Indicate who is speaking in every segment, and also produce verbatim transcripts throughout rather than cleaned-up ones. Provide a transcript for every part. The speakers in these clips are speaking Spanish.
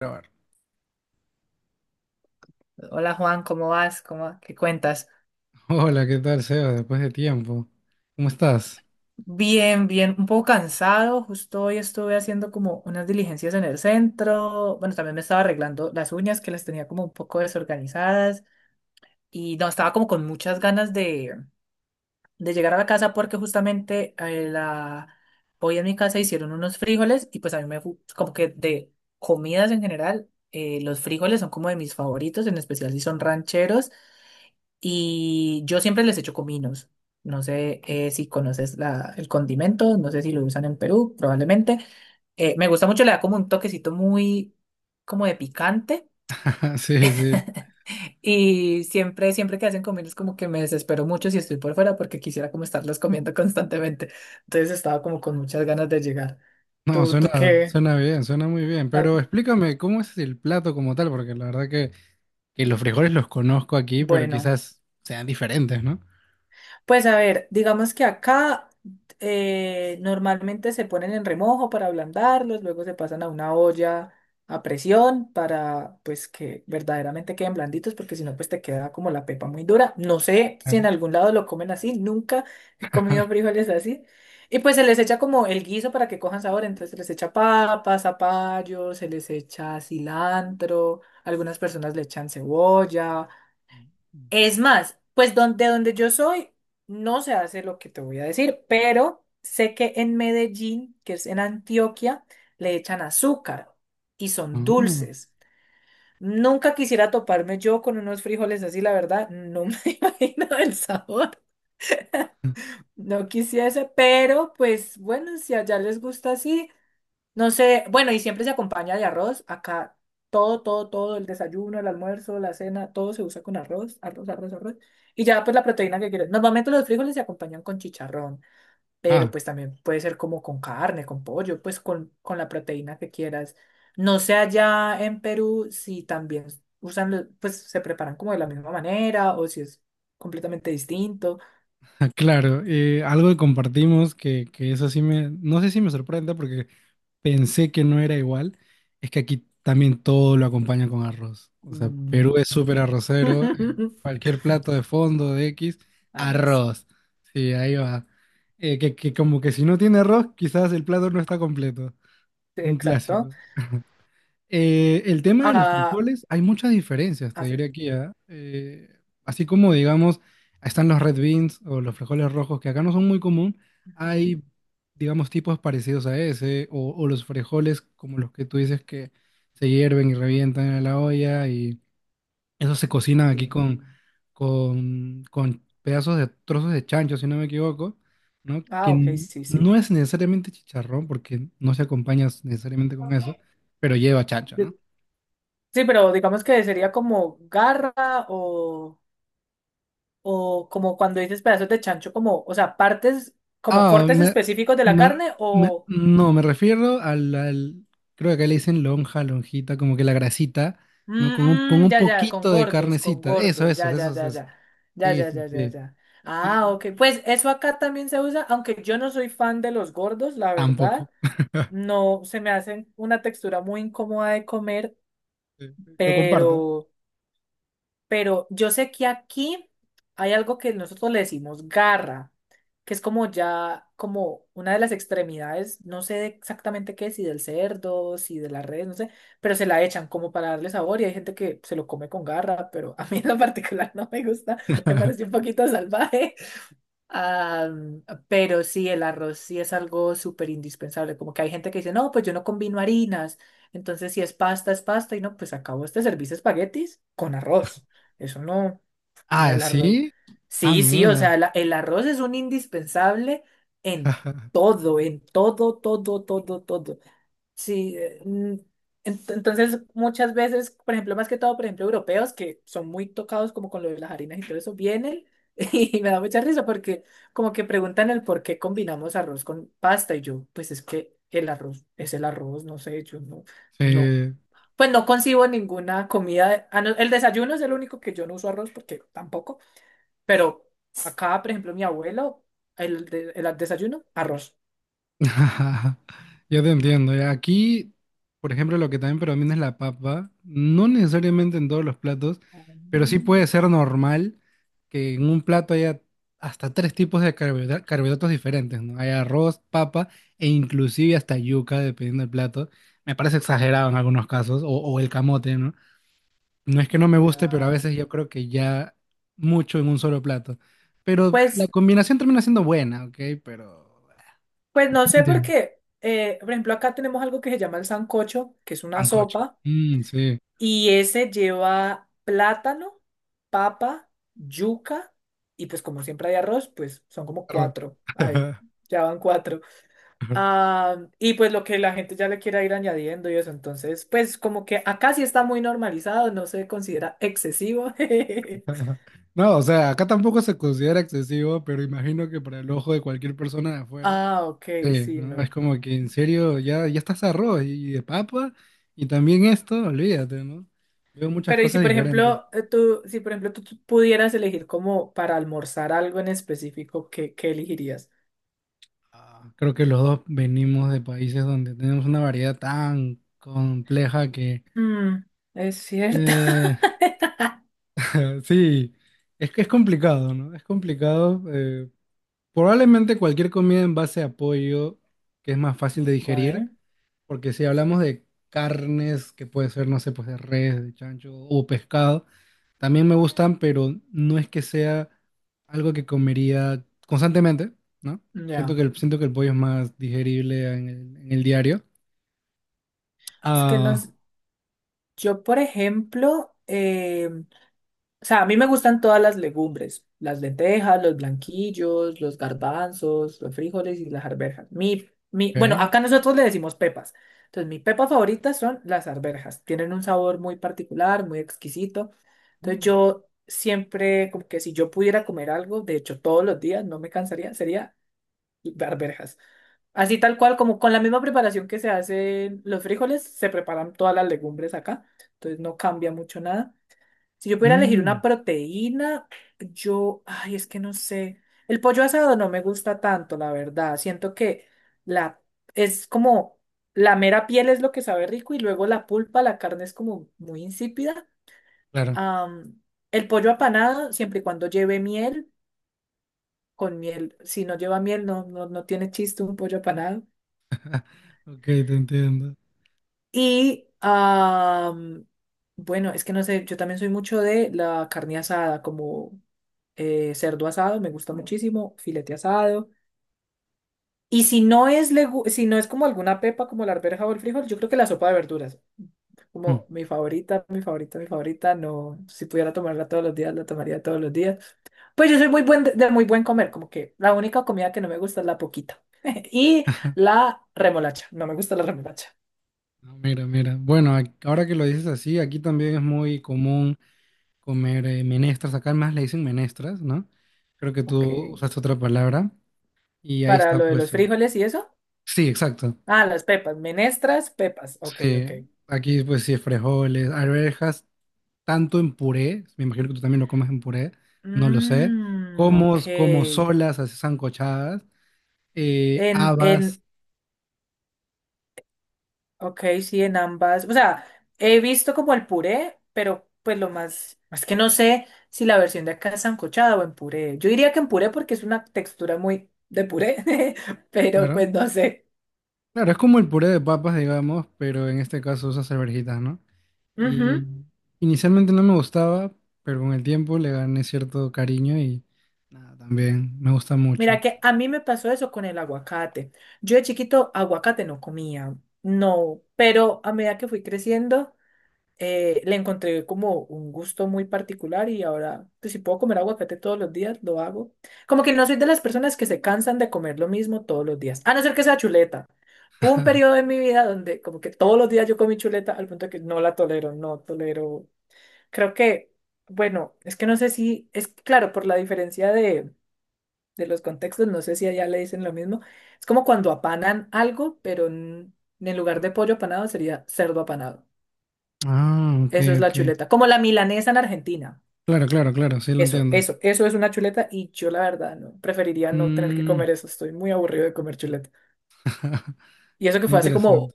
Speaker 1: Grabar.
Speaker 2: Hola Juan, ¿cómo vas? ¿Cómo, qué cuentas?
Speaker 1: Hola, ¿qué tal, Seba? Después de tiempo. ¿Cómo estás?
Speaker 2: Bien, bien, un poco cansado. Justo hoy estuve haciendo como unas diligencias en el centro. Bueno, también me estaba arreglando las uñas que las tenía como un poco desorganizadas y no, estaba como con muchas ganas de, de llegar a la casa porque justamente eh, la, hoy en mi casa hicieron unos frijoles y pues a mí me fu- como que de comidas en general, eh, los frijoles son como de mis favoritos, en especial si son rancheros. Y yo siempre les echo cominos. No sé, eh, si conoces la, el condimento, no sé si lo usan en Perú, probablemente. Eh, me gusta mucho, le da como un toquecito muy como de picante.
Speaker 1: Sí, sí.
Speaker 2: Y siempre, siempre que hacen comidas, como que me desespero mucho si estoy por fuera porque quisiera como estarlos comiendo constantemente. Entonces estaba como con muchas ganas de llegar.
Speaker 1: No,
Speaker 2: ¿Tú, tú
Speaker 1: suena,
Speaker 2: qué?
Speaker 1: suena bien, suena muy bien.
Speaker 2: Ah,
Speaker 1: Pero explícame, ¿cómo es el plato como tal? Porque la verdad que, que los frijoles los conozco aquí, pero
Speaker 2: bueno.
Speaker 1: quizás sean diferentes, ¿no?
Speaker 2: Pues a ver, digamos que acá eh, normalmente se ponen en remojo para ablandarlos, luego se pasan a una olla a presión para pues que verdaderamente queden blanditos, porque si no pues te queda como la pepa muy dura. No sé si en
Speaker 1: Claro.
Speaker 2: algún lado lo comen así, nunca he comido frijoles así. Y pues se les echa como el guiso para que cojan sabor, entonces se les echa papas, zapallo, se les echa cilantro, algunas personas le echan cebolla. Es más, pues donde, donde yo soy, no se hace lo que te voy a decir, pero sé que en Medellín, que es en Antioquia, le echan azúcar y son
Speaker 1: Mm.
Speaker 2: dulces. Nunca quisiera toparme yo con unos frijoles así, la verdad, no me imagino el sabor. No quisiese, pero pues bueno, si allá les gusta así, no sé, bueno, y siempre se acompaña de arroz. Acá todo, todo, todo, el desayuno, el almuerzo, la cena, todo se usa con arroz, arroz, arroz, arroz. Y ya pues la proteína que quieras. Normalmente los frijoles se acompañan con chicharrón, pero
Speaker 1: Ah,
Speaker 2: pues también puede ser como con carne, con pollo, pues con, con la proteína que quieras. No sé allá en Perú si también usan, lo- pues se preparan como de la misma manera o si es completamente distinto.
Speaker 1: claro. Eh, algo que compartimos que, que eso sí me, no sé si me sorprende porque pensé que no era igual, es que aquí también todo lo acompaña con arroz. O sea, Perú
Speaker 2: Mm.
Speaker 1: es súper arrocero. Eh, cualquier plato de fondo, de X,
Speaker 2: Ah, no sé.
Speaker 1: arroz. Sí, ahí va. Eh, que, que como que si no tiene arroz, quizás el plato no está completo. Un
Speaker 2: Exacto.
Speaker 1: clásico. Eh, el tema de los
Speaker 2: Acá,
Speaker 1: frijoles, hay muchas diferencias, te
Speaker 2: así.
Speaker 1: diré aquí, ¿ah? Eh, así como, digamos, están los red beans o los frijoles rojos, que acá no son muy común, hay, digamos, tipos parecidos a ese, o, o los frijoles como los que tú dices que se hierven y revientan en la olla, y esos se cocinan aquí
Speaker 2: Sí.
Speaker 1: con, con, con pedazos de trozos de chancho, si no me equivoco, ¿no? Que
Speaker 2: Ah, ok,
Speaker 1: n-
Speaker 2: sí, sí.
Speaker 1: no es necesariamente chicharrón, porque no se acompaña necesariamente con eso, pero lleva chancho,
Speaker 2: De-
Speaker 1: ¿no?
Speaker 2: Sí, pero digamos que sería como garra o, o como cuando dices pedazos de chancho, como, o sea, partes, como
Speaker 1: Ah,
Speaker 2: cortes
Speaker 1: me,
Speaker 2: específicos de la
Speaker 1: me-
Speaker 2: carne
Speaker 1: me-
Speaker 2: o...
Speaker 1: no, Me refiero al, al- creo que acá le dicen lonja, lonjita, como que la grasita, ¿no? Con un, con
Speaker 2: Mm,
Speaker 1: un
Speaker 2: ya, ya, con
Speaker 1: poquito de
Speaker 2: gordos, con
Speaker 1: carnecita. Eso,
Speaker 2: gordos, ya,
Speaker 1: eso,
Speaker 2: ya,
Speaker 1: eso,
Speaker 2: ya,
Speaker 1: eso.
Speaker 2: ya. Ya,
Speaker 1: Sí,
Speaker 2: ya,
Speaker 1: sí,
Speaker 2: ya, ya,
Speaker 1: sí.
Speaker 2: ya. Ah,
Speaker 1: Y
Speaker 2: ok. Pues eso acá también se usa, aunque yo no soy fan de los gordos, la
Speaker 1: tampoco.
Speaker 2: verdad. No, se me hacen una textura muy incómoda de comer,
Speaker 1: Sí, lo comparto.
Speaker 2: pero... Pero yo sé que aquí hay algo que nosotros le decimos garra, que es como ya, como una de las extremidades, no sé exactamente qué, si del cerdo, si de las redes, no sé, pero se la echan como para darle sabor y hay gente que se lo come con garra, pero a mí en lo particular no me gusta, me parece un poquito salvaje. Ah, pero sí, el arroz sí es algo súper indispensable. Como que hay gente que dice, no, pues yo no combino harinas. Entonces, si es pasta, es pasta. Y no, pues acabo este servicio de espaguetis con arroz. Eso no,
Speaker 1: Ah,
Speaker 2: el arroz.
Speaker 1: ¿sí? Ah,
Speaker 2: Sí, sí, o sea,
Speaker 1: mira.
Speaker 2: la- el arroz es un indispensable en todo, en todo, todo, todo, todo. Sí, eh, mm, ent- entonces muchas veces, por ejemplo, más que todo, por ejemplo, europeos que son muy tocados como con lo de las harinas y todo eso, vienen y me da mucha risa porque como que preguntan el por qué combinamos arroz con pasta y yo, pues es que el arroz es el arroz, no sé, yo no, no,
Speaker 1: Sí.
Speaker 2: pues no concibo ninguna comida, ah, no, el desayuno es el único que yo no uso arroz porque tampoco, pero acá, por ejemplo, mi abuelo, el, de- el desayuno, arroz.
Speaker 1: Yo te entiendo. Ya. Aquí, por ejemplo, lo que también predomina es la papa. No necesariamente en todos los platos, pero sí
Speaker 2: Mm.
Speaker 1: puede ser normal que en un plato haya hasta tres tipos de carbohidra- carbohidratos diferentes, ¿no? Hay arroz, papa e inclusive hasta yuca, dependiendo del plato. Me parece exagerado en algunos casos, o, o el camote, ¿no? No es que no me guste, pero a
Speaker 2: Ya.
Speaker 1: veces yo creo que ya mucho en un solo plato. Pero la
Speaker 2: Pues
Speaker 1: combinación termina siendo buena, ¿ok? Pero...
Speaker 2: Pues no sé por qué. Eh, por ejemplo, acá tenemos algo que se llama el sancocho, que es una
Speaker 1: Sancocho.
Speaker 2: sopa,
Speaker 1: Mm, sí.
Speaker 2: y ese lleva plátano, papa, yuca, y pues como siempre hay arroz, pues son como
Speaker 1: Arro-
Speaker 2: cuatro. Ahí, ya van cuatro. Ah, y pues lo que la gente ya le quiera ir añadiendo y eso. Entonces, pues como que acá sí está muy normalizado, no se considera excesivo.
Speaker 1: No, o sea, acá tampoco se considera excesivo, pero imagino que para el ojo de cualquier persona de afuera,
Speaker 2: Ah, ok,
Speaker 1: sí,
Speaker 2: sí,
Speaker 1: ¿no?
Speaker 2: no.
Speaker 1: Es como que en serio ya, ya estás arroz y de papa, y también esto, olvídate, ¿no? Veo muchas
Speaker 2: Pero y si
Speaker 1: cosas
Speaker 2: por
Speaker 1: diferentes.
Speaker 2: ejemplo eh, tú, si por ejemplo tú, tú pudieras elegir como para almorzar algo en específico, ¿qué, qué elegirías?
Speaker 1: Ah, creo que los dos venimos de países donde tenemos una variedad tan compleja que
Speaker 2: Mm, es cierto.
Speaker 1: eh, sí, es que es complicado, ¿no? Es complicado. eh, Probablemente cualquier comida en base a pollo, que es más fácil de
Speaker 2: Ok,
Speaker 1: digerir, porque si hablamos de carnes, que puede ser, no sé, pues de res, de chancho o pescado, también me gustan, pero no es que sea algo que comería constantemente, ¿no? Siento
Speaker 2: ya.
Speaker 1: que el, siento que el pollo es más digerible en el, en el diario.
Speaker 2: Es que
Speaker 1: Ah,
Speaker 2: nos, yo por ejemplo, em, o sea, a mí me gustan todas las legumbres, las lentejas, los blanquillos, los garbanzos, los frijoles y las arvejas. Mi, mi, bueno,
Speaker 1: ok.
Speaker 2: acá nosotros le decimos pepas. Entonces, mis pepas favoritas son las arvejas. Tienen un sabor muy particular, muy exquisito. Entonces,
Speaker 1: Mm,
Speaker 2: yo siempre, como que si yo pudiera comer algo, de hecho, todos los días, no me cansaría, sería arvejas. Así tal cual, como con la misma preparación que se hacen los frijoles, se preparan todas las legumbres acá. Entonces, no cambia mucho nada. Si yo pudiera elegir
Speaker 1: mm,
Speaker 2: una proteína, yo, ay, es que no sé. El pollo asado no me gusta tanto, la verdad. Siento que la es como la mera piel es lo que sabe rico y luego la pulpa, la carne es como muy insípida.
Speaker 1: claro.
Speaker 2: Am, el pollo apanado, siempre y cuando lleve miel, con miel, si no lleva miel, no, no, no tiene chiste un pollo apanado.
Speaker 1: Ok, te entiendo.
Speaker 2: Y am, bueno, es que no sé, yo también soy mucho de la carne asada, como eh, cerdo asado, me gusta muchísimo, filete asado. Y si no es legu- si no es como alguna pepa como la arveja o el frijol, yo creo que la sopa de verduras.
Speaker 1: Mm.
Speaker 2: Como mi favorita, mi favorita, mi favorita, no, si pudiera tomarla todos los días, la tomaría todos los días. Pues yo soy muy buen de, de muy buen comer, como que la única comida que no me gusta es la poquita. Y la remolacha, no me gusta la remolacha.
Speaker 1: Ah, mira, mira. Bueno, ac- ahora que lo dices así, aquí también es muy común comer eh, menestras. Acá más le dicen menestras, ¿no? Creo que
Speaker 2: Ok.
Speaker 1: tú usaste otra palabra. Y ahí
Speaker 2: Para
Speaker 1: está,
Speaker 2: lo de
Speaker 1: pues.
Speaker 2: los
Speaker 1: eh,
Speaker 2: frijoles y eso.
Speaker 1: Sí, exacto.
Speaker 2: Ah, las pepas, menestras, pepas. Ok, ok.
Speaker 1: Sí. Aquí, pues, sí, frijoles, arvejas, tanto en puré. Me imagino que tú también lo comes en puré. No lo sé.
Speaker 2: Mmm,
Speaker 1: Como, como
Speaker 2: ok.
Speaker 1: solas, así sancochadas. Eh,
Speaker 2: En,
Speaker 1: habas,
Speaker 2: en, ok, sí, en ambas. O sea, he visto como el puré, pero pues lo más, es que no sé si la versión de acá es sancochada o en puré. Yo diría que en puré porque es una textura muy de puré, pero
Speaker 1: claro.
Speaker 2: pues no sé.
Speaker 1: Claro, es como el puré de papas, digamos, pero en este caso usas alverjitas, ¿no?
Speaker 2: Ujú.
Speaker 1: Y inicialmente no me gustaba, pero con el tiempo le gané cierto cariño y nada, también me gusta mucho.
Speaker 2: Mira que a mí me pasó eso con el aguacate. Yo de chiquito aguacate no comía, no, pero a medida que fui creciendo... eh, le encontré como un gusto muy particular y ahora, pues, si puedo comer aguacate todos los días, lo hago. Como que no soy de las personas que se cansan de comer lo mismo todos los días, a no ser que sea chuleta. Hubo un periodo de mi vida donde como que todos los días yo comí chuleta al punto que no la tolero, no tolero. Creo que, bueno, es que no sé si, es claro, por la diferencia de, de los contextos, no sé si allá le dicen lo mismo. Es como cuando apanan algo, pero en en lugar de pollo apanado sería cerdo apanado.
Speaker 1: Ah, ok,
Speaker 2: Eso es la
Speaker 1: ok.
Speaker 2: chuleta. Como la milanesa en Argentina.
Speaker 1: Claro, claro, claro, sí lo
Speaker 2: Eso,
Speaker 1: entiendo.
Speaker 2: eso, eso es una chuleta y yo la verdad no, preferiría no tener que
Speaker 1: Mm,
Speaker 2: comer eso. Estoy muy aburrido de comer chuleta. Y eso que fue hace como
Speaker 1: interesante.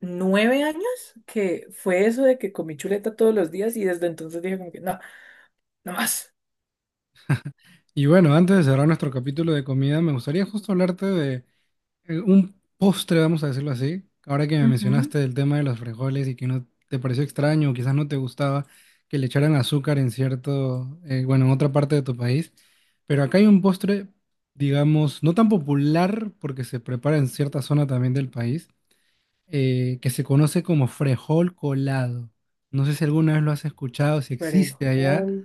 Speaker 2: nueve años que fue eso de que comí chuleta todos los días y desde entonces dije como que no, no más.
Speaker 1: Y bueno, antes de cerrar nuestro capítulo de comida, me gustaría justo hablarte de... Eh, un postre, vamos a decirlo así. Ahora que me
Speaker 2: Ujú.
Speaker 1: mencionaste el tema de los frijoles y que no te pareció extraño, o quizás no te gustaba que le echaran azúcar en cierto, eh, bueno, en otra parte de tu país. Pero acá hay un postre, digamos, no tan popular porque se prepara en cierta zona también del país, eh, que se conoce como frejol colado. No sé si alguna vez lo has escuchado, si existe allá.
Speaker 2: Perejil.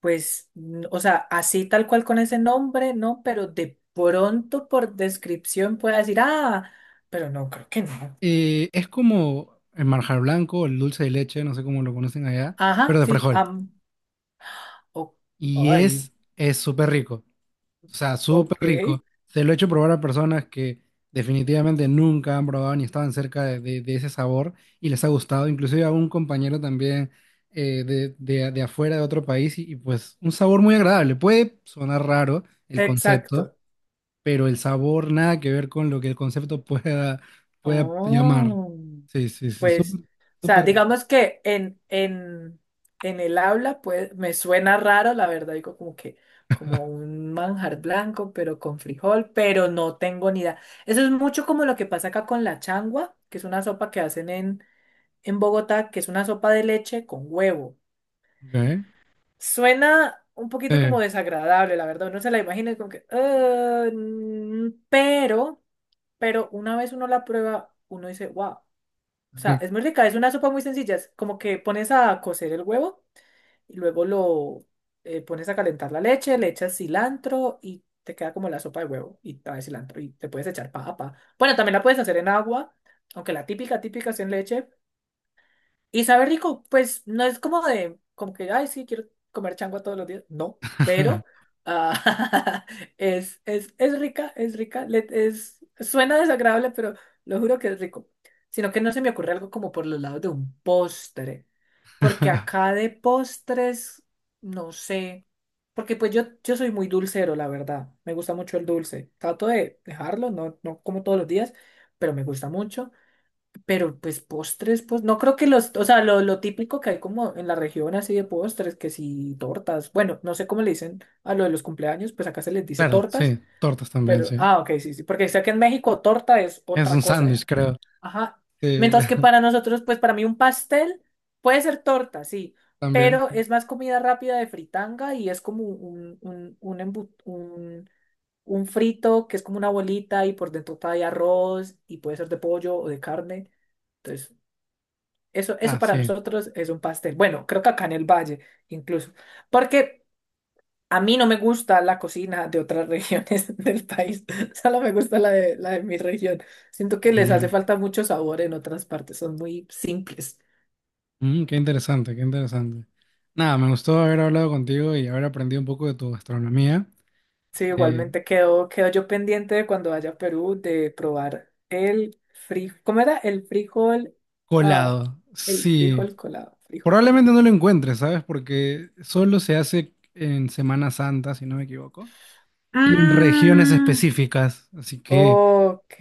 Speaker 2: Pues, n- o sea, así tal cual con ese nombre, no, pero de pronto por descripción pueda decir, ah, pero no, creo que no.
Speaker 1: Eh, es como el marjar blanco, el dulce de leche, no sé cómo lo conocen allá,
Speaker 2: Ajá,
Speaker 1: pero de
Speaker 2: sí,
Speaker 1: frejol.
Speaker 2: am, o-
Speaker 1: Y
Speaker 2: ay,
Speaker 1: es, es súper rico, o sea, súper
Speaker 2: ok.
Speaker 1: rico. Se lo he hecho probar a personas que definitivamente nunca han probado ni estaban cerca de, de- de ese sabor y les ha gustado. Inclusive a un compañero también eh, de, de- de afuera de otro país y, y pues un sabor muy agradable. Puede sonar raro el concepto,
Speaker 2: Exacto.
Speaker 1: pero el sabor nada que ver con lo que el concepto pueda, pueda llamar.
Speaker 2: Oh,
Speaker 1: Sí, sí, sí, súper,
Speaker 2: pues, o sea,
Speaker 1: súper rico.
Speaker 2: digamos que en, en, en el aula, pues, me suena raro, la verdad, digo como que, como un manjar blanco, pero con frijol, pero no tengo ni idea. Eso es mucho como lo que pasa acá con la changua, que es una sopa que hacen en, en Bogotá, que es una sopa de leche con huevo.
Speaker 1: Ok,
Speaker 2: Suena un poquito
Speaker 1: eh,
Speaker 2: como desagradable, la verdad, uno se la imagina y como que, "Ah, mm", pero, pero una vez uno la prueba, uno dice, wow. O sea,
Speaker 1: rico.
Speaker 2: es muy rica, es una sopa muy sencilla. Es como que pones a cocer el huevo y luego lo eh, pones a calentar la leche, le echas cilantro y te queda como la sopa de huevo y trae cilantro y te puedes echar papa. Bueno, también la puedes hacer en agua, aunque la típica, típica es en leche, y sabe rico, pues no es como de, como que, ay, sí, quiero comer changua todos los días. No, pero ah, es, es, es rica, es rica. Le- es, suena desagradable, pero lo juro que es rico. Sino que no se me ocurre algo como por los lados de un postre. Porque acá de postres, no sé. Porque pues yo, yo soy muy dulcero, la verdad. Me gusta mucho el dulce. Trato de dejarlo, no, no como todos los días, pero me gusta mucho. Pero pues postres, pues no creo que los, o sea, lo, lo típico que hay como en la región así de postres, que si tortas, bueno, no sé cómo le dicen a lo de los cumpleaños, pues acá se les dice
Speaker 1: Claro,
Speaker 2: tortas,
Speaker 1: sí, tortas también,
Speaker 2: pero,
Speaker 1: sí.
Speaker 2: ah, ok, sí, sí, porque sé que en México torta es
Speaker 1: Es
Speaker 2: otra
Speaker 1: un
Speaker 2: cosa,
Speaker 1: sándwich,
Speaker 2: ya.
Speaker 1: creo.
Speaker 2: Ajá.
Speaker 1: Sí,
Speaker 2: Mientras que para nosotros, pues para mí un pastel puede ser torta, sí,
Speaker 1: también.
Speaker 2: pero es más comida rápida de fritanga y es como un, un, un, embu- un, un frito que es como una bolita y por dentro trae arroz y puede ser de pollo o de carne. Entonces, eso, eso
Speaker 1: Ah,
Speaker 2: para
Speaker 1: sí.
Speaker 2: nosotros es un pastel. Bueno, creo que acá en el Valle, incluso. Porque a mí no me gusta la cocina de otras regiones del país. Solo me gusta la de, la de mi región. Siento que les hace
Speaker 1: Mira.
Speaker 2: falta mucho sabor en otras partes. Son muy simples.
Speaker 1: Mm, qué interesante, qué interesante. Nada, me gustó haber hablado contigo y haber aprendido un poco de tu gastronomía.
Speaker 2: Sí,
Speaker 1: Eh,
Speaker 2: igualmente quedo, quedo yo pendiente de cuando vaya a Perú de probar el frijol. ¿Cómo era? El frijol. Ah,
Speaker 1: colado.
Speaker 2: el
Speaker 1: Sí.
Speaker 2: frijol colado. Frijol colado.
Speaker 1: Probablemente no lo encuentres, ¿sabes? Porque solo se hace en Semana Santa, si no me equivoco, y en regiones
Speaker 2: Mm.
Speaker 1: específicas. Así que,
Speaker 2: Ok.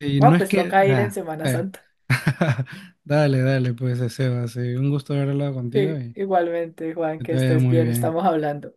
Speaker 1: eh, no
Speaker 2: Bueno,
Speaker 1: es
Speaker 2: pues
Speaker 1: que...
Speaker 2: toca ir en
Speaker 1: ah,
Speaker 2: Semana
Speaker 1: eh.
Speaker 2: Santa.
Speaker 1: Dale, dale, pues, eh, Sebas. Sí, un gusto haber hablado contigo
Speaker 2: Sí,
Speaker 1: y
Speaker 2: igualmente, Juan,
Speaker 1: que
Speaker 2: que
Speaker 1: te vaya
Speaker 2: estés
Speaker 1: muy
Speaker 2: bien,
Speaker 1: bien.
Speaker 2: estamos hablando.